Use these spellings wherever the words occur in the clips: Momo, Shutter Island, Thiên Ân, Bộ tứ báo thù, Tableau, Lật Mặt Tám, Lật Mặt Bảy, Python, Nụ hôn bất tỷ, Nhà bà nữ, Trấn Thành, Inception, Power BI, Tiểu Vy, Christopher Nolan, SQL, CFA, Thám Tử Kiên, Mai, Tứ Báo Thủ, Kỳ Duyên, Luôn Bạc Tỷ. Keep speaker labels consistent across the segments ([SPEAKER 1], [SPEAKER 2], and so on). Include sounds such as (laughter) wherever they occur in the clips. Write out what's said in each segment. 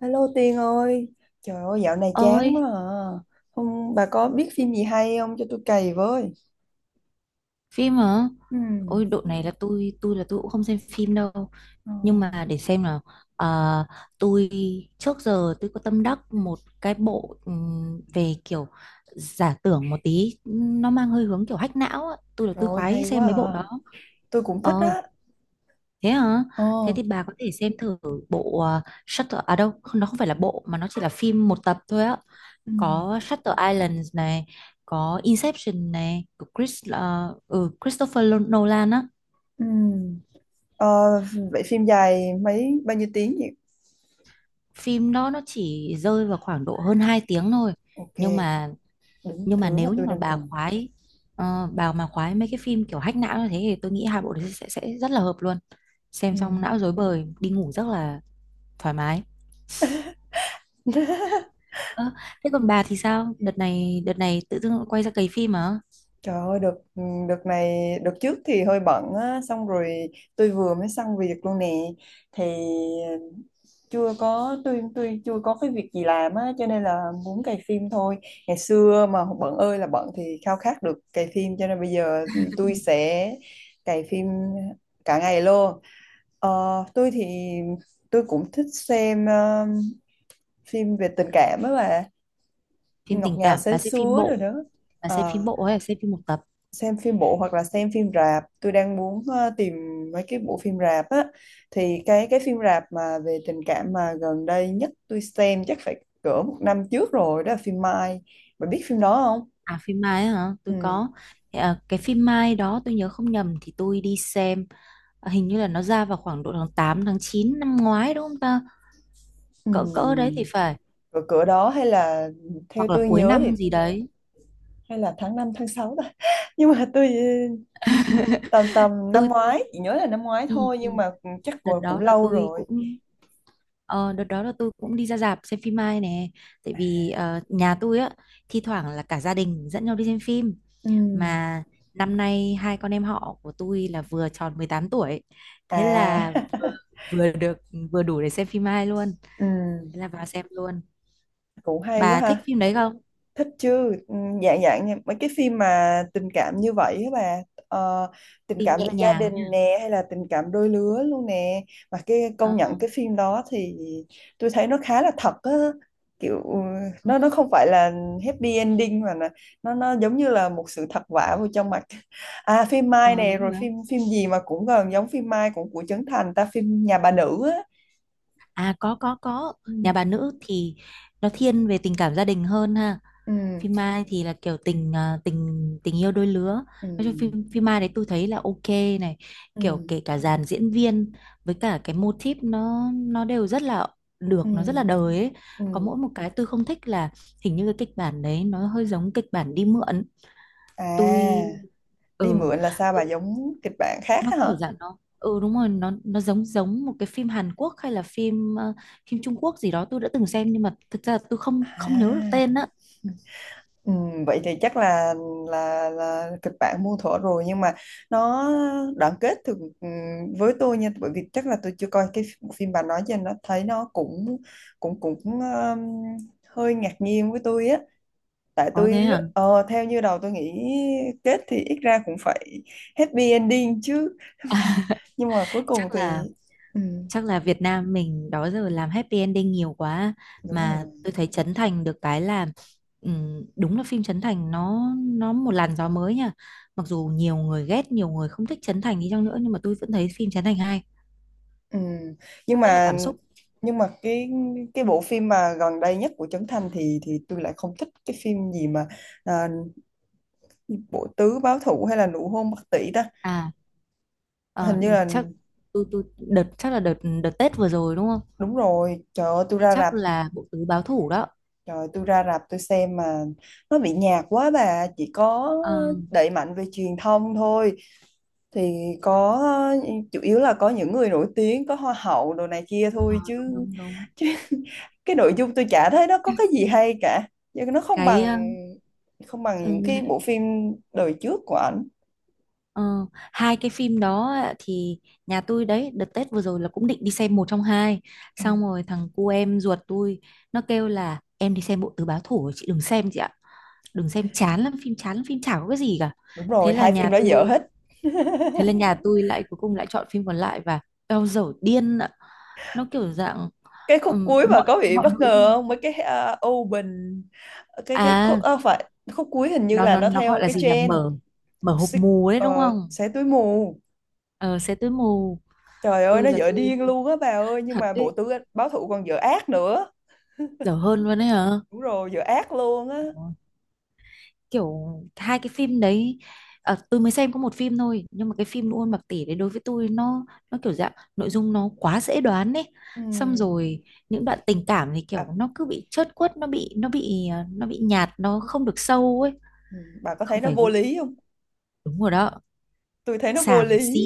[SPEAKER 1] Hello Tiên ơi, trời ơi dạo này chán quá
[SPEAKER 2] Ơi,
[SPEAKER 1] à. Không, bà có biết phim gì hay không cho tôi cày với.
[SPEAKER 2] phim hả?
[SPEAKER 1] Ừ.
[SPEAKER 2] Ôi độ này là tôi cũng không xem phim đâu,
[SPEAKER 1] Ờ.
[SPEAKER 2] nhưng mà để xem nào. Ờ, tôi trước giờ tôi có tâm đắc một cái bộ, về kiểu giả tưởng một tí, nó mang hơi hướng kiểu hack não á. Tôi là
[SPEAKER 1] Trời
[SPEAKER 2] tôi
[SPEAKER 1] ơi
[SPEAKER 2] khoái
[SPEAKER 1] hay
[SPEAKER 2] xem
[SPEAKER 1] quá
[SPEAKER 2] mấy bộ
[SPEAKER 1] à.
[SPEAKER 2] đó.
[SPEAKER 1] Tôi cũng thích
[SPEAKER 2] Ờ,
[SPEAKER 1] á.
[SPEAKER 2] thế hả?
[SPEAKER 1] Ờ.
[SPEAKER 2] Thế thì bà có thể xem thử bộ Shutter à đâu không, nó không phải là bộ mà nó chỉ là phim một tập thôi á.
[SPEAKER 1] Ừ.
[SPEAKER 2] Có Shutter Island này, có Inception này của Christopher Nolan á.
[SPEAKER 1] Ừ. ờ, Vậy phim dài mấy bao nhiêu tiếng vậy?
[SPEAKER 2] Phim đó nó chỉ rơi vào khoảng độ hơn 2 tiếng thôi.
[SPEAKER 1] Ok,
[SPEAKER 2] Nhưng mà,
[SPEAKER 1] đúng thứ mà
[SPEAKER 2] nếu như
[SPEAKER 1] tôi
[SPEAKER 2] mà
[SPEAKER 1] đang
[SPEAKER 2] bà
[SPEAKER 1] cần.
[SPEAKER 2] khoái, bà mà khoái mấy cái phim kiểu hack não như thế thì tôi nghĩ hai bộ đấy sẽ rất là hợp luôn. Xem
[SPEAKER 1] Ừ.
[SPEAKER 2] xong não rối bời, đi ngủ rất là thoải mái.
[SPEAKER 1] (laughs)
[SPEAKER 2] Ơ, thế còn bà thì sao, đợt này tự dưng quay ra cày phim à?
[SPEAKER 1] Trời ơi, đợt này, đợt trước thì hơi bận á, xong rồi tôi vừa mới xong việc luôn nè, thì chưa có, tôi chưa có cái việc gì làm á, cho nên là muốn cày phim thôi. Ngày xưa mà bận ơi là bận thì khao khát được cày phim, cho nên bây giờ tôi sẽ cày phim cả ngày luôn. Ờ, tôi thì, tôi cũng thích xem phim về tình cảm á mà
[SPEAKER 2] Phim
[SPEAKER 1] ngọt
[SPEAKER 2] tình
[SPEAKER 1] ngào
[SPEAKER 2] cảm
[SPEAKER 1] sến
[SPEAKER 2] bà xem phim
[SPEAKER 1] súa rồi
[SPEAKER 2] bộ,
[SPEAKER 1] đó. Ờ,
[SPEAKER 2] hay là xem phim một tập?
[SPEAKER 1] xem phim bộ hoặc là xem phim rạp, tôi đang muốn tìm mấy cái bộ phim rạp á. Thì cái phim rạp mà về tình cảm mà gần đây nhất tôi xem chắc phải cỡ một năm trước rồi, đó là phim Mai, bạn biết phim đó không.
[SPEAKER 2] À phim Mai ấy hả? Tôi
[SPEAKER 1] Ừ.
[SPEAKER 2] có. Thì, à, cái phim Mai đó tôi nhớ không nhầm thì tôi đi xem, à, hình như là nó ra vào khoảng độ tháng 8 tháng 9 năm ngoái đúng không ta?
[SPEAKER 1] Ừ.
[SPEAKER 2] Cỡ cỡ đấy thì phải.
[SPEAKER 1] Cỡ cỡ đó, hay là theo
[SPEAKER 2] Hoặc là
[SPEAKER 1] tôi
[SPEAKER 2] cuối
[SPEAKER 1] nhớ thì
[SPEAKER 2] năm gì đấy.
[SPEAKER 1] hay là tháng 5 tháng 6 ta. (laughs) Nhưng mà tôi tầm tầm năm
[SPEAKER 2] Tôi
[SPEAKER 1] ngoái, chỉ nhớ là năm ngoái
[SPEAKER 2] ừ,
[SPEAKER 1] thôi, nhưng
[SPEAKER 2] ừ.
[SPEAKER 1] mà chắc
[SPEAKER 2] Đợt
[SPEAKER 1] cũng,
[SPEAKER 2] đó là
[SPEAKER 1] lâu
[SPEAKER 2] tôi
[SPEAKER 1] rồi.
[SPEAKER 2] cũng, ờ, đợt đó là tôi cũng đi ra rạp xem phim Mai nè. Tại
[SPEAKER 1] À,
[SPEAKER 2] vì nhà tôi á, thi thoảng là cả gia đình dẫn nhau đi xem phim,
[SPEAKER 1] ừ.
[SPEAKER 2] mà năm nay hai con em họ của tôi là vừa tròn 18 tuổi. Thế là vừa,
[SPEAKER 1] À.
[SPEAKER 2] vừa được vừa đủ để xem phim hai luôn,
[SPEAKER 1] (laughs) Ừ.
[SPEAKER 2] thế là vào xem luôn.
[SPEAKER 1] Cũng hay quá
[SPEAKER 2] Bà thích
[SPEAKER 1] ha.
[SPEAKER 2] phim đấy không?
[SPEAKER 1] Thích chứ. Ừ, dạng dạng nha, mấy cái phim mà tình cảm như vậy á bà. Ờ, tình
[SPEAKER 2] Phim
[SPEAKER 1] cảm
[SPEAKER 2] nhẹ
[SPEAKER 1] về gia đình
[SPEAKER 2] nhàng nhá.
[SPEAKER 1] nè, hay là tình cảm đôi lứa luôn nè. Mà cái
[SPEAKER 2] Ờ,
[SPEAKER 1] công nhận cái phim đó thì tôi thấy nó khá là thật á, kiểu ừ,
[SPEAKER 2] ừ,
[SPEAKER 1] nó không phải là happy ending, mà nó giống như là một sự thật vả vào trong mặt. (laughs) À, phim Mai
[SPEAKER 2] ờ,
[SPEAKER 1] nè,
[SPEAKER 2] đúng
[SPEAKER 1] rồi
[SPEAKER 2] rồi.
[SPEAKER 1] phim phim gì mà cũng gần giống phim Mai, cũng của Trấn Thành ta, phim Nhà bà nữ á.
[SPEAKER 2] À, có có. Nhà
[SPEAKER 1] Ừ.
[SPEAKER 2] bà nữ thì nó thiên về tình cảm gia đình hơn ha.
[SPEAKER 1] Ừ.
[SPEAKER 2] Phim Mai thì là kiểu tình à, tình tình yêu đôi lứa.
[SPEAKER 1] Ừ.
[SPEAKER 2] Nói chung phim phim Mai đấy tôi thấy là ok này,
[SPEAKER 1] Ừ.
[SPEAKER 2] kiểu kể cả dàn diễn viên với cả cái mô típ nó đều rất là
[SPEAKER 1] Ừ.
[SPEAKER 2] được, nó rất là đời ấy. Có
[SPEAKER 1] Ừ.
[SPEAKER 2] mỗi một cái tôi không thích là hình như cái kịch bản đấy nó hơi giống kịch bản đi mượn.
[SPEAKER 1] À,
[SPEAKER 2] tôi
[SPEAKER 1] đi
[SPEAKER 2] ừ
[SPEAKER 1] mượn là sao bà,
[SPEAKER 2] tôi,
[SPEAKER 1] giống kịch bản khác
[SPEAKER 2] nó
[SPEAKER 1] á
[SPEAKER 2] kiểu
[SPEAKER 1] hả.
[SPEAKER 2] dạng nó, ừ đúng rồi, nó giống giống một cái phim Hàn Quốc hay là phim phim Trung Quốc gì đó tôi đã từng xem, nhưng mà thực ra là tôi không không nhớ được
[SPEAKER 1] À,
[SPEAKER 2] tên á.
[SPEAKER 1] ừ, vậy thì chắc là kịch bản muôn thuở rồi, nhưng mà nó đoạn kết thì ừ, với tôi nha, bởi vì chắc là tôi chưa coi cái bộ phim bà nói, cho nên nó thấy nó cũng, cũng cũng hơi ngạc nhiên với tôi á. Tại
[SPEAKER 2] Có
[SPEAKER 1] tôi
[SPEAKER 2] thế à?
[SPEAKER 1] theo như đầu tôi nghĩ, kết thì ít ra cũng phải happy ending chứ, nhưng mà cuối cùng
[SPEAKER 2] Chắc
[SPEAKER 1] thì
[SPEAKER 2] là,
[SPEAKER 1] ừ,
[SPEAKER 2] chắc là Việt Nam mình đó giờ làm happy ending nhiều quá,
[SPEAKER 1] đúng
[SPEAKER 2] mà
[SPEAKER 1] rồi.
[SPEAKER 2] tôi thấy Trấn Thành được cái là đúng là phim Trấn Thành nó một làn gió mới nha. Mặc dù nhiều người ghét, nhiều người không thích Trấn Thành đi chăng nữa nhưng mà tôi vẫn thấy phim Trấn Thành hay,
[SPEAKER 1] Ừ.
[SPEAKER 2] nó
[SPEAKER 1] Nhưng
[SPEAKER 2] rất là
[SPEAKER 1] mà
[SPEAKER 2] cảm xúc.
[SPEAKER 1] nhưng mà cái bộ phim mà gần đây nhất của Trấn Thành thì tôi lại không thích. Cái phim gì mà à, Bộ tứ báo thù hay là nụ hôn bất tỷ ta,
[SPEAKER 2] À, ờ,
[SPEAKER 1] hình như là
[SPEAKER 2] chắc tôi đợt, chắc là đợt, đợt Tết vừa rồi đúng không?
[SPEAKER 1] đúng rồi.
[SPEAKER 2] Thì chắc là bộ tứ báo thủ đó.
[SPEAKER 1] Trời ơi, tôi ra rạp tôi xem mà nó bị nhạt quá bà, chỉ có
[SPEAKER 2] Ờ,
[SPEAKER 1] đẩy mạnh về truyền thông thôi, thì có chủ yếu là có những người nổi tiếng, có hoa hậu đồ này kia
[SPEAKER 2] ờ,
[SPEAKER 1] thôi chứ,
[SPEAKER 2] đúng đúng đúng.
[SPEAKER 1] cái nội dung tôi chả thấy nó có cái gì hay cả, nhưng nó
[SPEAKER 2] Cái,
[SPEAKER 1] không bằng những
[SPEAKER 2] uh,
[SPEAKER 1] cái bộ phim đời trước của ảnh.
[SPEAKER 2] ờ, hai cái phim đó á, thì nhà tôi đấy đợt Tết vừa rồi là cũng định đi xem một trong hai,
[SPEAKER 1] Ừ.
[SPEAKER 2] xong rồi thằng cu em ruột tôi nó kêu là em đi xem bộ tứ báo thủ rồi, chị đừng xem chị ạ. Đừng xem chán lắm phim, chán lắm phim chả có cái gì cả.
[SPEAKER 1] Đúng
[SPEAKER 2] Thế
[SPEAKER 1] rồi,
[SPEAKER 2] là
[SPEAKER 1] hai
[SPEAKER 2] nhà
[SPEAKER 1] phim đó dở
[SPEAKER 2] tôi,
[SPEAKER 1] hết.
[SPEAKER 2] thế là nhà tôi lại cuối cùng lại chọn phim còn lại và eo dở điên ạ. Nó kiểu dạng,
[SPEAKER 1] Cái khúc cuối mà
[SPEAKER 2] mọi
[SPEAKER 1] có bị
[SPEAKER 2] mọi
[SPEAKER 1] bất
[SPEAKER 2] nội
[SPEAKER 1] ngờ
[SPEAKER 2] dung.
[SPEAKER 1] không, mấy cái open, cái khúc
[SPEAKER 2] À
[SPEAKER 1] ờ, phải khúc cuối hình như
[SPEAKER 2] nó
[SPEAKER 1] là
[SPEAKER 2] nó
[SPEAKER 1] nó
[SPEAKER 2] nó gọi
[SPEAKER 1] theo
[SPEAKER 2] là
[SPEAKER 1] cái
[SPEAKER 2] gì nhỉ,
[SPEAKER 1] trend.
[SPEAKER 2] mở, hộp mù đấy đúng không?
[SPEAKER 1] Xé túi mù.
[SPEAKER 2] Ờ xe tối mù.
[SPEAKER 1] Trời ơi
[SPEAKER 2] Tôi
[SPEAKER 1] nó
[SPEAKER 2] là
[SPEAKER 1] dở
[SPEAKER 2] tôi
[SPEAKER 1] điên luôn á bà ơi, nhưng
[SPEAKER 2] thật
[SPEAKER 1] mà bộ
[SPEAKER 2] đấy.
[SPEAKER 1] tứ báo thủ còn dở ác nữa.
[SPEAKER 2] Dở hơn luôn đấy hả?
[SPEAKER 1] Đúng rồi dở ác luôn á.
[SPEAKER 2] Kiểu hai cái phim đấy, à, tôi mới xem có một phim thôi, nhưng mà cái phim Luôn Bạc Tỷ đấy đối với tôi nó kiểu dạng nội dung nó quá dễ đoán ấy.
[SPEAKER 1] Ừ.
[SPEAKER 2] Xong rồi những đoạn tình cảm thì
[SPEAKER 1] bà,
[SPEAKER 2] kiểu nó cứ bị chớt quất, nó bị nhạt, nó không được sâu ấy.
[SPEAKER 1] ừ, bà có thấy
[SPEAKER 2] Không
[SPEAKER 1] nó
[SPEAKER 2] phải
[SPEAKER 1] vô
[SPEAKER 2] gu,
[SPEAKER 1] lý không.
[SPEAKER 2] đúng rồi đó,
[SPEAKER 1] Tôi thấy nó vô
[SPEAKER 2] xàm
[SPEAKER 1] lý,
[SPEAKER 2] xí,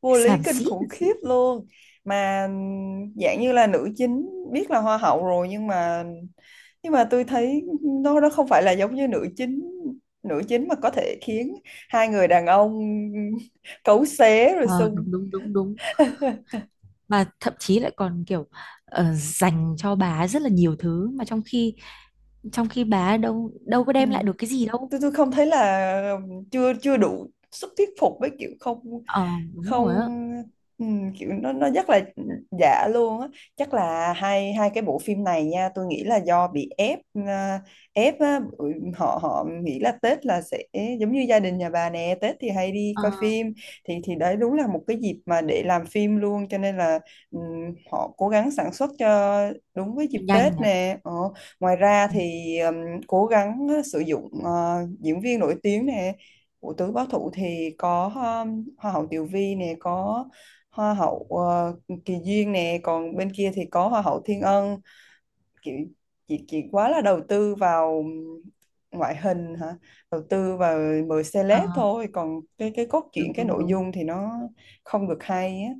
[SPEAKER 1] vô lý
[SPEAKER 2] xàm
[SPEAKER 1] kinh
[SPEAKER 2] xí thật
[SPEAKER 1] khủng
[SPEAKER 2] sự.
[SPEAKER 1] khiếp luôn. Mà dạng như là nữ chính biết là hoa hậu rồi, nhưng mà tôi thấy nó không phải là giống như nữ chính, mà có thể khiến hai người đàn ông (laughs) cấu xé rồi
[SPEAKER 2] Ờ,
[SPEAKER 1] xung.
[SPEAKER 2] đúng đúng đúng đúng, mà thậm chí lại còn kiểu dành cho bà ấy rất là nhiều thứ mà trong khi, trong khi bà ấy đâu đâu có
[SPEAKER 1] Ừ.
[SPEAKER 2] đem lại được cái gì đâu.
[SPEAKER 1] tôi không thấy là, chưa chưa đủ sức thuyết phục, với kiểu không,
[SPEAKER 2] Ờ, đúng
[SPEAKER 1] không.
[SPEAKER 2] rồi.
[SPEAKER 1] Ừ, kiểu nó rất là giả luôn á. Chắc là hai hai cái bộ phim này nha, tôi nghĩ là do bị ép, à, ép á, bởi họ họ nghĩ là Tết là sẽ giống như gia đình nhà bà nè. Tết thì hay đi
[SPEAKER 2] Ờ,
[SPEAKER 1] coi phim, thì đấy đúng là một cái dịp mà để làm phim luôn, cho nên là ừ, họ cố gắng sản xuất cho đúng với dịp
[SPEAKER 2] nhanh
[SPEAKER 1] Tết
[SPEAKER 2] nhỉ?
[SPEAKER 1] nè ờ. Ngoài ra
[SPEAKER 2] Ừ.
[SPEAKER 1] thì cố gắng sử dụng diễn viên nổi tiếng nè, của Tứ Báo Thủ thì có hoa hậu Tiểu Vy nè, có hoa hậu Kỳ Duyên nè, còn bên kia thì có hoa hậu Thiên Ân. Kiểu chị quá là đầu tư vào ngoại hình hả, đầu tư vào mời
[SPEAKER 2] Ờ,
[SPEAKER 1] celeb thôi, còn cái cốt truyện,
[SPEAKER 2] đúng
[SPEAKER 1] cái
[SPEAKER 2] đúng
[SPEAKER 1] nội
[SPEAKER 2] đúng.
[SPEAKER 1] dung thì nó không được hay á.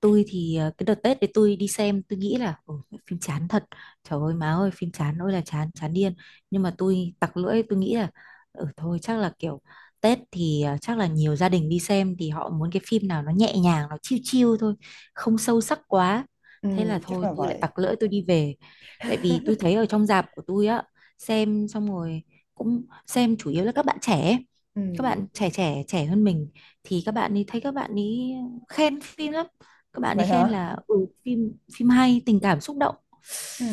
[SPEAKER 2] Tôi thì cái đợt Tết thì tôi đi xem tôi nghĩ là "Ồ, phim chán thật, trời ơi má ơi phim chán ôi là chán, chán điên." Nhưng mà tôi tặc lưỡi tôi nghĩ là ừ thôi chắc là kiểu Tết thì, chắc là nhiều gia đình đi xem thì họ muốn cái phim nào nó nhẹ nhàng nó chill chill thôi, không sâu sắc quá,
[SPEAKER 1] Ừ,
[SPEAKER 2] thế là
[SPEAKER 1] chắc
[SPEAKER 2] thôi
[SPEAKER 1] là
[SPEAKER 2] tôi lại
[SPEAKER 1] vậy.
[SPEAKER 2] tặc lưỡi tôi đi về. Tại vì tôi thấy ở trong rạp của tôi á, xem xong rồi cũng xem chủ yếu là các bạn trẻ ấy.
[SPEAKER 1] Ừ.
[SPEAKER 2] Các bạn trẻ, trẻ hơn mình, thì các bạn ấy thấy các bạn ấy khen phim lắm, các bạn ấy
[SPEAKER 1] Vậy
[SPEAKER 2] khen
[SPEAKER 1] hả.
[SPEAKER 2] là ừ, phim phim hay tình cảm xúc động,
[SPEAKER 1] Ừ.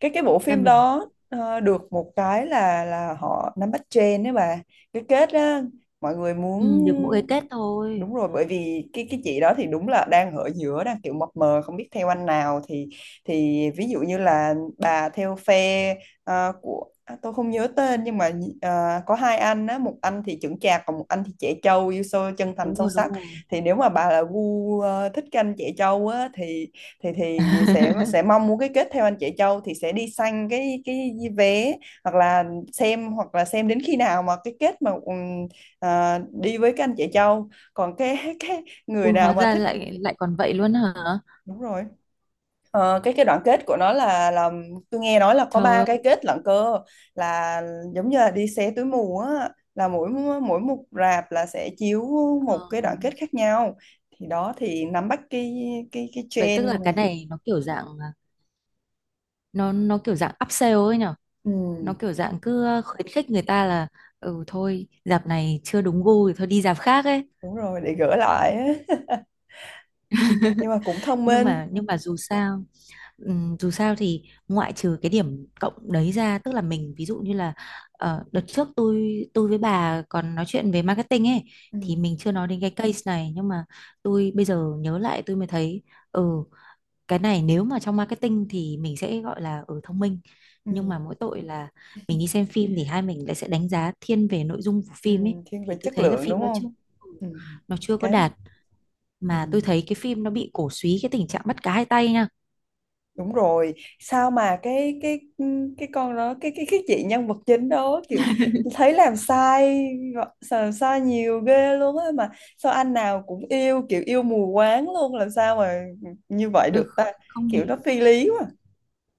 [SPEAKER 1] Cái bộ
[SPEAKER 2] thế là
[SPEAKER 1] phim
[SPEAKER 2] mình
[SPEAKER 1] đó được một cái là họ nắm bắt trend đấy bà, cái kết á mọi người muốn.
[SPEAKER 2] ừ, được mỗi cái kết thôi.
[SPEAKER 1] Đúng rồi, bởi vì cái chị đó thì đúng là đang ở giữa, đang kiểu mập mờ không biết theo anh nào, thì ví dụ như là bà theo phe tôi không nhớ tên, nhưng mà có hai anh á, một anh thì chững chạc còn một anh thì trẻ trâu yêu sâu chân thành
[SPEAKER 2] Đúng
[SPEAKER 1] sâu
[SPEAKER 2] rồi đúng
[SPEAKER 1] sắc.
[SPEAKER 2] rồi.
[SPEAKER 1] Thì nếu mà bà là gu thích canh trẻ trâu á, thì sẽ
[SPEAKER 2] (laughs)
[SPEAKER 1] mong muốn cái kết theo anh chị Châu, thì sẽ đi săn cái vé, hoặc là xem, đến khi nào mà cái kết mà đi với các anh chị Châu, còn cái người
[SPEAKER 2] Ui
[SPEAKER 1] nào
[SPEAKER 2] hóa
[SPEAKER 1] mà
[SPEAKER 2] ra
[SPEAKER 1] thích.
[SPEAKER 2] lại lại còn vậy luôn hả?
[SPEAKER 1] Đúng rồi. Ờ, cái đoạn kết của nó là tôi nghe nói là có
[SPEAKER 2] Trời
[SPEAKER 1] ba
[SPEAKER 2] ơi,
[SPEAKER 1] cái kết lận cơ, là giống như là đi xé túi mù á, là mỗi mỗi một rạp là sẽ chiếu
[SPEAKER 2] ờ,
[SPEAKER 1] một cái đoạn kết khác nhau, thì đó thì nắm bắt cái
[SPEAKER 2] vậy tức là
[SPEAKER 1] trend.
[SPEAKER 2] cái này nó kiểu dạng à, nó kiểu dạng upsell ấy nhở,
[SPEAKER 1] Ừ.
[SPEAKER 2] nó kiểu dạng cứ khuyến khích người ta là ừ thôi dạp này chưa đúng gu thì thôi đi dạp khác ấy.
[SPEAKER 1] Đúng rồi, để gỡ lại á. Nhưng mà cũng thông
[SPEAKER 2] Nhưng
[SPEAKER 1] minh.
[SPEAKER 2] mà, dù sao, dù sao thì ngoại trừ cái điểm cộng đấy ra, tức là
[SPEAKER 1] Ừ.
[SPEAKER 2] mình ví dụ như là đợt trước tôi với bà còn nói chuyện về marketing ấy,
[SPEAKER 1] Ừ.
[SPEAKER 2] thì mình chưa nói đến cái case này nhưng mà tôi bây giờ nhớ lại tôi mới thấy, ừ, cái này nếu mà trong marketing thì mình sẽ gọi là ở thông minh.
[SPEAKER 1] Ừ.
[SPEAKER 2] Nhưng mà mỗi tội là mình đi xem phim thì hai mình lại sẽ đánh giá thiên về nội dung của
[SPEAKER 1] Ừ.
[SPEAKER 2] phim ấy,
[SPEAKER 1] Thiên về
[SPEAKER 2] thì tôi
[SPEAKER 1] chất
[SPEAKER 2] thấy là
[SPEAKER 1] lượng đúng
[SPEAKER 2] phim nó
[SPEAKER 1] không.
[SPEAKER 2] chưa, ừ,
[SPEAKER 1] Ừ.
[SPEAKER 2] nó chưa có
[SPEAKER 1] Cái.
[SPEAKER 2] đạt.
[SPEAKER 1] Ừ.
[SPEAKER 2] Mà tôi thấy cái phim nó bị cổ súy cái tình trạng bắt cá hai tay nha.
[SPEAKER 1] Đúng rồi. Sao mà cái con đó, cái chị nhân vật chính đó kiểu
[SPEAKER 2] (laughs)
[SPEAKER 1] thấy làm sai, nhiều ghê luôn á mà. Sao anh nào cũng yêu, kiểu yêu mù quáng luôn, làm sao mà như vậy
[SPEAKER 2] Tôi
[SPEAKER 1] được ta,
[SPEAKER 2] không
[SPEAKER 1] kiểu nó
[SPEAKER 2] hiểu.
[SPEAKER 1] phi lý quá.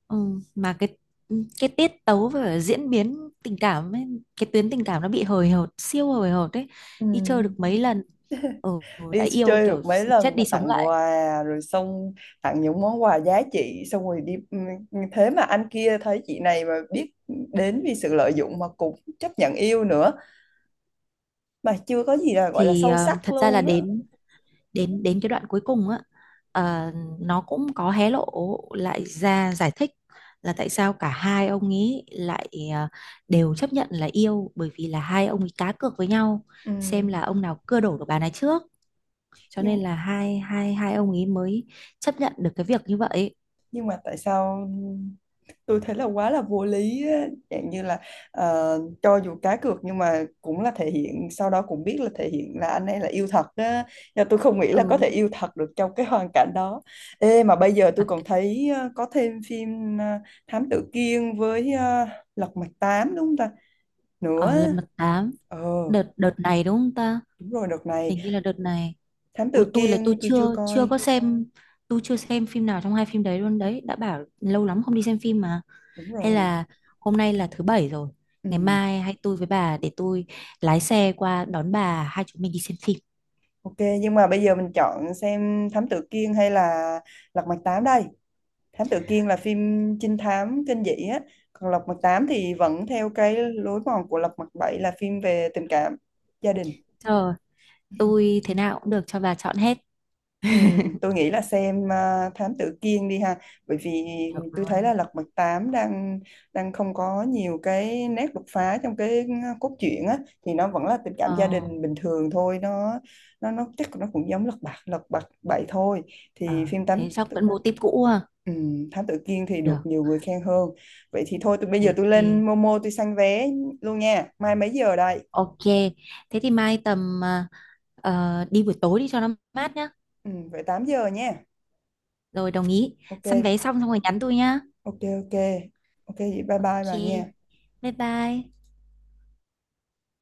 [SPEAKER 2] Ừ, mà cái, ừ, cái tiết tấu và diễn biến tình cảm ấy, cái tuyến tình cảm nó bị hời hợt siêu hời hợt đấy.
[SPEAKER 1] Ừ.
[SPEAKER 2] Đi chơi được mấy lần, ừ, đã
[SPEAKER 1] Đi
[SPEAKER 2] yêu
[SPEAKER 1] chơi
[SPEAKER 2] kiểu
[SPEAKER 1] được mấy
[SPEAKER 2] chết
[SPEAKER 1] lần mà
[SPEAKER 2] đi sống
[SPEAKER 1] tặng
[SPEAKER 2] lại.
[SPEAKER 1] quà rồi, xong tặng những món quà giá trị xong rồi đi, ừ, ừ, thế mà anh kia thấy chị này mà biết đến vì sự lợi dụng mà cũng chấp nhận yêu nữa, mà chưa có gì là gọi là
[SPEAKER 2] Thì
[SPEAKER 1] sâu sắc
[SPEAKER 2] thật ra là
[SPEAKER 1] luôn á.
[SPEAKER 2] đến, đến cái đoạn cuối cùng á, ờ, nó cũng có hé lộ lại ra giải thích là tại sao cả hai ông ấy lại đều chấp nhận là yêu, bởi vì là hai ông ấy cá cược với nhau
[SPEAKER 1] Ừ.
[SPEAKER 2] xem là ông nào cưa đổ được bà này trước, cho nên
[SPEAKER 1] nhưng
[SPEAKER 2] là hai hai hai ông ấy mới chấp nhận được cái việc như vậy.
[SPEAKER 1] nhưng mà tại sao tôi thấy là quá là vô lý á. Dạng như là ờ, cho dù cá cược nhưng mà cũng là thể hiện, sau đó cũng biết là thể hiện là anh ấy là yêu thật á, nhưng tôi không nghĩ là có thể
[SPEAKER 2] Ừ
[SPEAKER 1] yêu thật được trong cái hoàn cảnh đó. Ê mà bây giờ tôi
[SPEAKER 2] thật.
[SPEAKER 1] còn thấy có thêm phim Thám Tử Kiên với Lật Mặt Tám, đúng không ta,
[SPEAKER 2] Ở
[SPEAKER 1] nữa.
[SPEAKER 2] lần mật tám,
[SPEAKER 1] Ờ,
[SPEAKER 2] đợt đợt này đúng không ta,
[SPEAKER 1] đúng rồi đợt này.
[SPEAKER 2] hình như là đợt này.
[SPEAKER 1] Thám
[SPEAKER 2] Ôi
[SPEAKER 1] Tử
[SPEAKER 2] tôi là tôi
[SPEAKER 1] Kiên tôi chưa
[SPEAKER 2] chưa chưa
[SPEAKER 1] coi.
[SPEAKER 2] có xem. Tôi chưa xem phim nào trong hai phim đấy luôn đấy, đã bảo lâu lắm không đi xem phim mà.
[SPEAKER 1] Đúng
[SPEAKER 2] Hay
[SPEAKER 1] rồi.
[SPEAKER 2] là, hôm nay là thứ bảy rồi, ngày
[SPEAKER 1] Ừ.
[SPEAKER 2] mai hay tôi với bà, để tôi lái xe qua đón bà hai chúng mình đi xem phim.
[SPEAKER 1] Ok, nhưng mà bây giờ mình chọn xem Thám Tử Kiên hay là Lật Mặt Tám đây. Thám Tử Kiên là phim trinh thám kinh dị á, còn Lật Mặt Tám thì vẫn theo cái lối mòn của Lật Mặt Bảy, là phim về tình cảm gia đình.
[SPEAKER 2] Ờ, tôi thế nào cũng được, cho bà chọn hết.
[SPEAKER 1] Ừ,
[SPEAKER 2] (laughs)
[SPEAKER 1] tôi nghĩ là xem Thám Tử Kiên đi ha, bởi vì
[SPEAKER 2] Được
[SPEAKER 1] tôi thấy
[SPEAKER 2] luôn.
[SPEAKER 1] là Lật Mặt tám đang đang không có nhiều cái nét đột phá trong cái cốt truyện á, thì nó vẫn là tình cảm
[SPEAKER 2] Ờ,
[SPEAKER 1] gia đình bình thường thôi, nó chắc nó cũng giống Lật Mặt bảy thôi,
[SPEAKER 2] ờ
[SPEAKER 1] thì phim Thám
[SPEAKER 2] thế chắc
[SPEAKER 1] Tử.
[SPEAKER 2] vẫn mô típ cũ à.
[SPEAKER 1] Ừ, Thám Tử Kiên thì được
[SPEAKER 2] Được.
[SPEAKER 1] nhiều người khen hơn. Vậy thì thôi, tôi bây giờ
[SPEAKER 2] Thế
[SPEAKER 1] tôi lên
[SPEAKER 2] thì
[SPEAKER 1] Momo tôi săn vé luôn nha, mai mấy giờ đây.
[SPEAKER 2] ok. Thế thì mai tầm à, ờ, đi buổi tối đi cho nó mát nhá.
[SPEAKER 1] Ừ, vậy 8 giờ nha.
[SPEAKER 2] Rồi đồng ý.
[SPEAKER 1] Ok,
[SPEAKER 2] Săn vé xong xong rồi nhắn tôi nhá.
[SPEAKER 1] ok, ok, ok, vậy bye bye
[SPEAKER 2] Ok.
[SPEAKER 1] bà nha.
[SPEAKER 2] Bye bye.